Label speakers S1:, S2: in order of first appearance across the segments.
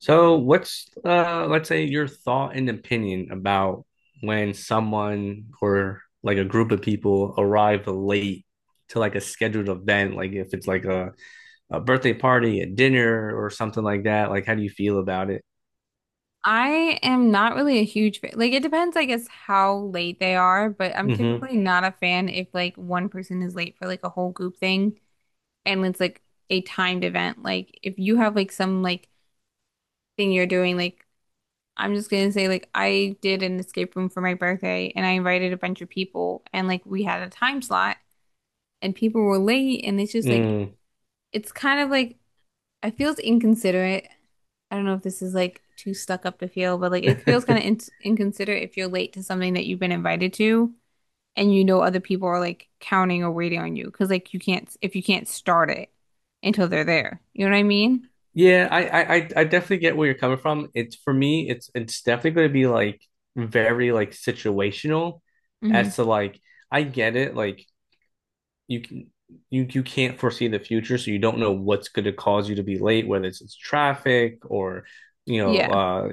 S1: So, what's let's say your thought and opinion about when someone or like a group of people arrive late to like a scheduled event, like if it's like a birthday party, a dinner, or something like that? Like, how do you feel about it?
S2: I am not really a huge fan. Like it depends, I guess, how late they are, but I'm
S1: Mm-hmm.
S2: typically not a fan if like one person is late for like a whole group thing and it's like a timed event. Like if you have like some like thing you're doing, like I'm just gonna say like I did an escape room for my birthday and I invited a bunch of people and like we had a time slot and people were late and it's just like
S1: Mm.
S2: it's kind of like it feels inconsiderate. I don't know if this is like too stuck up to feel, but like it feels kind of in inconsiderate if you're late to something that you've been invited to and you know other people are like counting or waiting on you because like you can't if you can't start it until they're there. You know what I mean?
S1: Yeah, I definitely get where you're coming from. It's for me, it's definitely going to be like very like situational
S2: Hmm.
S1: as to like I get it. Like you can you can't foresee the future, so you don't know what's going to cause you to be late, whether it's traffic or you know
S2: Yeah.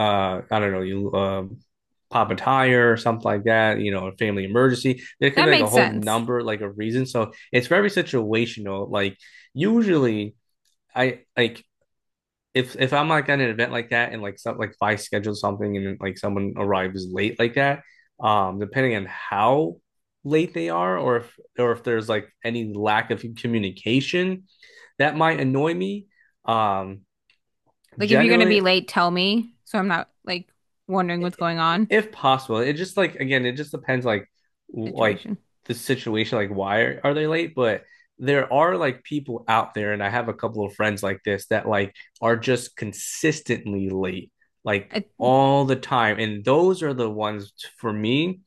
S1: I don't know you pop a tire or something like that, you know, a family emergency. There could
S2: That
S1: be like a
S2: makes
S1: whole
S2: sense.
S1: number, like a reason. So it's very situational. Like usually I like if I'm like at an event like that and like some like if I schedule something and like someone arrives late like that, depending on how late they are or if there's like any lack of communication, that might annoy me. Um,
S2: Like if you're gonna be
S1: Generally,
S2: late, tell me so I'm not like wondering what's going on
S1: if possible it just like again it just depends like
S2: situation.
S1: the situation like why are they late, but there are like people out there and I have a couple of friends like this that like are just consistently late like
S2: I
S1: all the time and those are the ones for me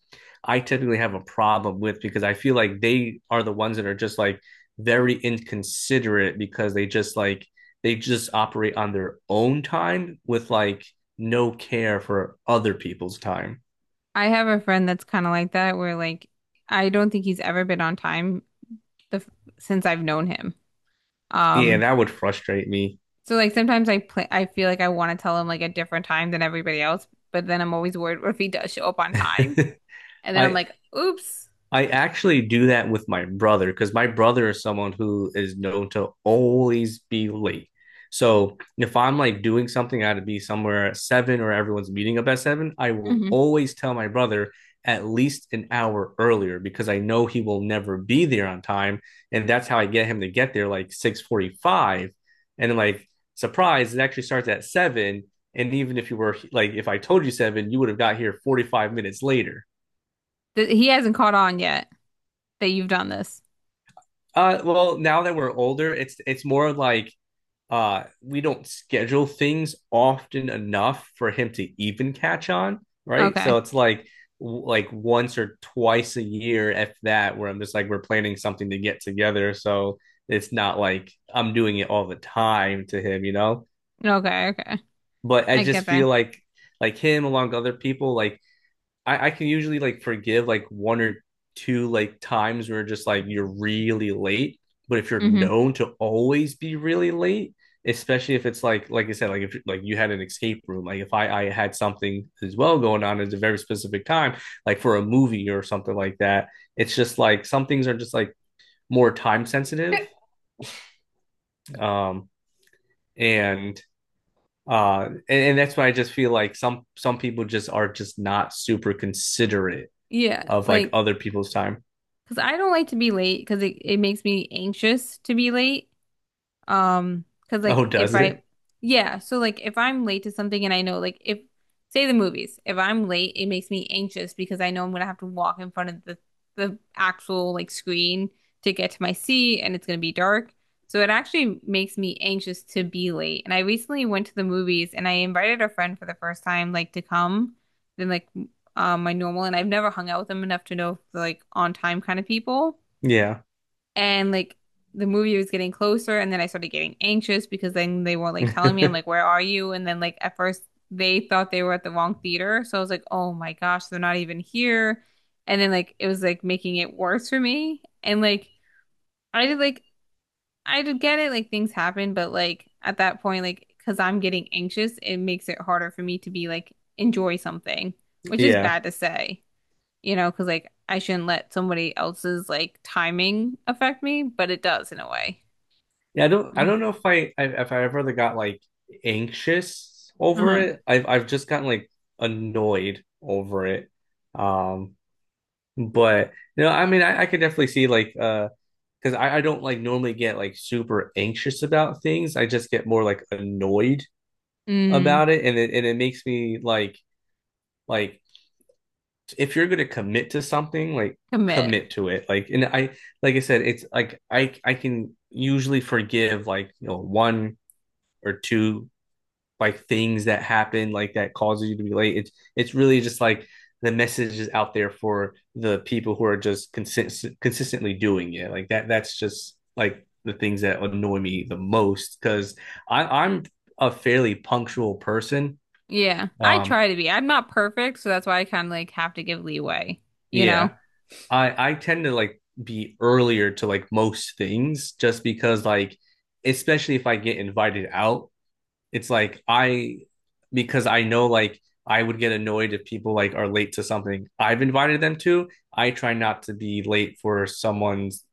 S1: I typically have a problem with because I feel like they are the ones that are just like very inconsiderate because they just like they just operate on their own time with like no care for other people's time.
S2: I have a friend that's kind of like that where like I don't think he's ever been on time the since I've known him.
S1: Yeah,
S2: Um,
S1: that would frustrate me.
S2: so like sometimes I feel like I want to tell him like a different time than everybody else, but then I'm always worried what if he does show up on time, and then I'm
S1: I
S2: like, oops.
S1: I actually do that with my brother because my brother is someone who is known to always be late. So if I'm like doing something, I had to be somewhere at seven or everyone's meeting up at seven, I will
S2: Hmm.
S1: always tell my brother at least an hour earlier because I know he will never be there on time. And that's how I get him to get there like 6:45. And then like surprise, it actually starts at seven. And even if you were like if I told you seven, you would have got here 45 minutes later.
S2: Th he hasn't caught on yet that you've done this.
S1: Well, now that we're older, it's more like we don't schedule things often enough for him to even catch on, right? So
S2: Okay,
S1: it's like once or twice a year, if that, where I'm just like we're planning something to get together. So it's not like I'm doing it all the time to him, you know?
S2: okay, okay,
S1: But I
S2: I
S1: just
S2: get that.
S1: feel like him along with other people, like I can usually like forgive like one or two like times where just like you're really late. But if you're
S2: Hmm.
S1: known to always be really late, especially if it's like I said, like if like you had an escape room, like if I had something as well going on at a very specific time, like for a movie or something like that, it's just like some things are just like more time sensitive, um, and and that's why I just feel like some people just are just not super considerate, yeah,
S2: Yeah,
S1: of like
S2: like
S1: other people's time.
S2: because I don't like to be late because it makes me anxious to be late. Um, Cause
S1: Oh,
S2: like if
S1: does
S2: I,
S1: it?
S2: yeah, so like if I'm late to something and I know like if say the movies, if I'm late, it makes me anxious because I know I'm gonna have to walk in front of the actual like screen to get to my seat and it's gonna be dark. So it actually makes me anxious to be late. And I recently went to the movies and I invited a friend for the first time like to come than like my normal and I've never hung out with them enough to know if they're like on time kind of people
S1: Yeah.
S2: and like the movie was getting closer and then I started getting anxious because then they weren't like telling me, I'm like where are you, and then like at first they thought they were at the wrong theater, so I was like oh my gosh they're not even here, and then like it was like making it worse for me, and like I did like I did get it, like things happen, but like at that point, like because I'm getting anxious, it makes it harder for me to be like enjoy something, which is
S1: Yeah.
S2: bad to say, you know, because like I shouldn't let somebody else's like timing affect me, but it does in a way.
S1: Yeah, I don't I
S2: Mm.
S1: don't know if if I ever really got like anxious over
S2: Uh-huh.
S1: it. I've just gotten like annoyed over it. Um but you know, I mean I could definitely see like because I don't like normally get like super anxious about things. I just get more like annoyed
S2: Mm.
S1: about it and it makes me like if you're going to commit to something, like
S2: Commit.
S1: commit to it. Like I said, it's like I can usually forgive like you know one or two like things that happen like that causes you to be late. It's really just like the message is out there for the people who are just consistently doing it. Like that. That's just like the things that annoy me the most because I'm a fairly punctual person.
S2: Yeah. I
S1: Um,
S2: try to be. I'm not perfect, so that's why I kind of like have to give leeway, you
S1: yeah,
S2: know,
S1: I tend to like be earlier to like most things just because like especially if I get invited out, it's like I because I know like I would get annoyed if people like are late to something I've invited them to. I try not to be late for someone's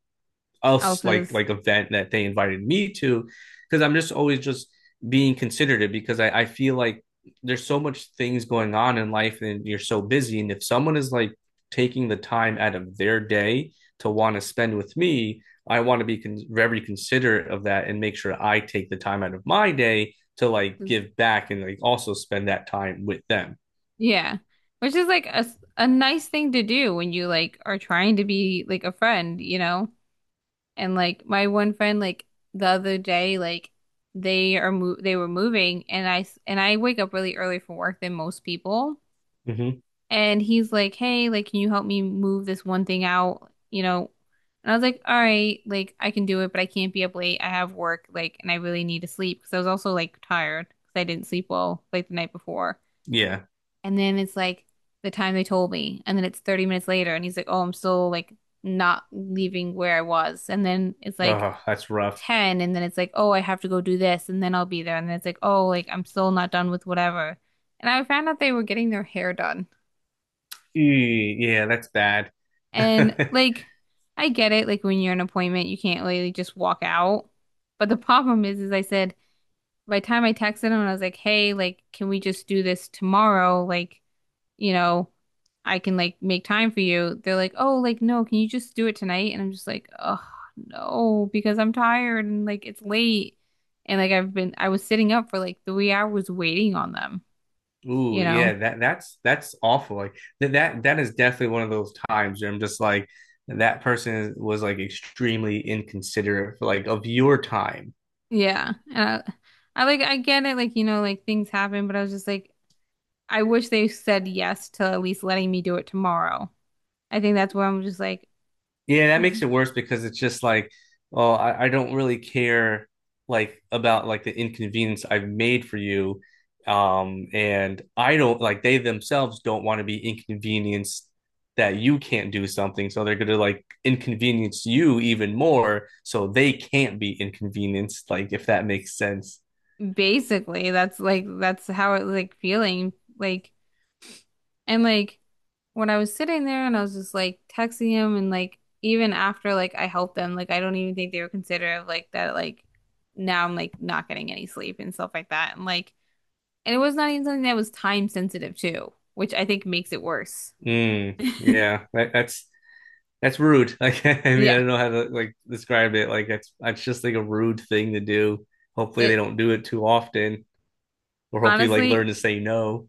S1: else
S2: else's.
S1: like event that they invited me to because I'm just always just being considerate because I feel like there's so much things going on in life and you're so busy and if someone is like taking the time out of their day to want to spend with me I want to be very considerate of that and make sure I take the time out of my day to like give back and like also spend that time with them.
S2: Yeah. Which is like a nice thing to do when you like are trying to be like a friend, you know? And like my one friend, like the other day, like they are mo they were moving, and I wake up really early for work than most people.
S1: Mm-hmm.
S2: And he's like, hey, like, can you help me move this one thing out? You know? And I was like, all right, like, I can do it, but I can't be up late. I have work, like, and I really need to sleep because I was also like tired because I didn't sleep well like the night before.
S1: Yeah.
S2: And then it's like the time they told me. And then it's 30 minutes later. And he's like, oh, I'm still like not leaving where I was. And then it's like
S1: Oh, that's rough.
S2: 10. And then it's like, oh, I have to go do this. And then I'll be there. And then it's like, oh, like, I'm still not done with whatever. And I found out they were getting their hair done.
S1: Ew, yeah, that's bad.
S2: And like I get it, like when you're in an appointment, you can't really just walk out. But the problem is I said by the time I texted him, I was like, hey, like, can we just do this tomorrow? Like, you know, I can like make time for you. They're like, oh, like, no, can you just do it tonight? And I'm just like, oh, no, because I'm tired and like it's late. And like I've been, I was sitting up for like 3 hours waiting on them,
S1: Ooh,
S2: you know?
S1: yeah, that's that's awful. Like that that is definitely one of those times where I'm just like that person was like extremely inconsiderate, like of your time.
S2: Yeah. And I get it, like, you know, like things happen, but I was just like, I wish they said yes to at least letting me do it tomorrow. I think that's where I'm just like,
S1: Yeah, that
S2: mm-hmm,
S1: makes it worse because it's just like, oh, I don't really care like about like the inconvenience I've made for you. And I don't like they themselves don't want to be inconvenienced that you can't do something. So they're gonna like inconvenience you even more so they can't be inconvenienced, like if that makes sense.
S2: basically, that's like, that's how it like feeling. Like, and like when I was sitting there and I was just like texting him and like, even after like I helped them, like, I don't even think they were considerate of like that, like, now I'm like not getting any sleep and stuff like that. And like, and it was not even something that was time sensitive too, which I think makes it worse.
S1: Mm, yeah, that's rude. Like, I mean, I
S2: Yeah.
S1: don't know how to like describe it. Like, that's just like a rude thing to do. Hopefully, they
S2: It
S1: don't do it too often, or hopefully, like
S2: honestly,
S1: learn to say no.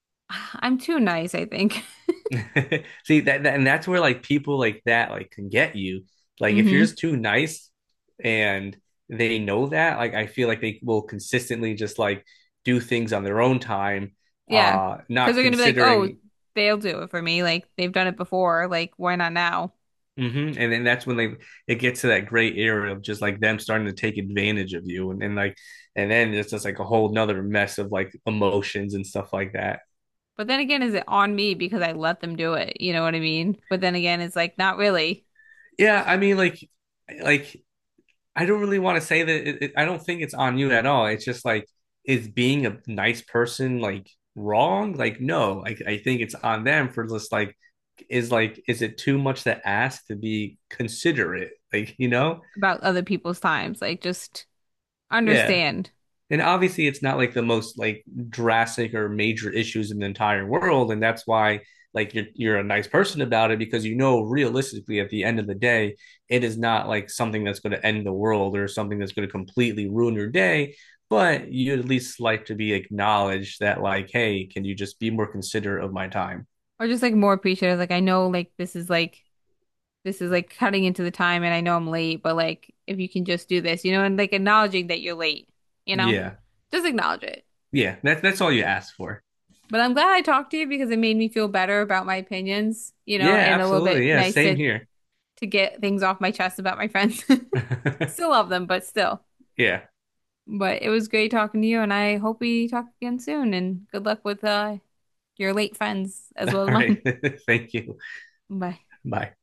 S2: I'm too nice, I think.
S1: See and that's where like people like that like can get you. Like, if you're
S2: Hmm.
S1: just too nice, and they know that, like, I feel like they will consistently just like do things on their own time,
S2: Yeah. Because
S1: not
S2: they're going to be like, oh,
S1: considering.
S2: they'll do it for me. Like, they've done it before. Like, why not now?
S1: Mm-hmm. And then that's when they it gets to that gray area of just like them starting to take advantage of you, and then like, and then it's just like a whole nother mess of like emotions and stuff like that.
S2: But then again, is it on me because I let them do it? You know what I mean? But then again, it's like not really
S1: Yeah, I mean, like I don't really want to say that. I don't think it's on you at all. It's just like is being a nice person like wrong? Like, no, I think it's on them for just like is it too much to ask to be considerate? Like, you know,
S2: about other people's times. Like, just
S1: yeah.
S2: understand,
S1: And obviously it's not like the most like drastic or major issues in the entire world and that's why like you're a nice person about it because you know realistically at the end of the day it is not like something that's going to end the world or something that's going to completely ruin your day, but you at least like to be acknowledged that like hey can you just be more considerate of my time.
S2: or just like more appreciative. Like, I know like this is like, this is like cutting into the time and I know I'm late, but like, if you can just do this, you know, and like acknowledging that you're late, you know,
S1: Yeah,
S2: just acknowledge it.
S1: yeah, that, that's all you ask for.
S2: But I'm glad I talked to you because it made me feel better about my opinions, you know,
S1: Yeah,
S2: and a little bit
S1: absolutely, yeah,
S2: nice
S1: same here.
S2: to get things off my chest about my friends. Still love them, but still.
S1: Yeah.
S2: But it was great talking to you, and I hope we talk again soon. And good luck with your late friends as well as
S1: All right.
S2: mine.
S1: Thank you.
S2: Bye.
S1: Bye.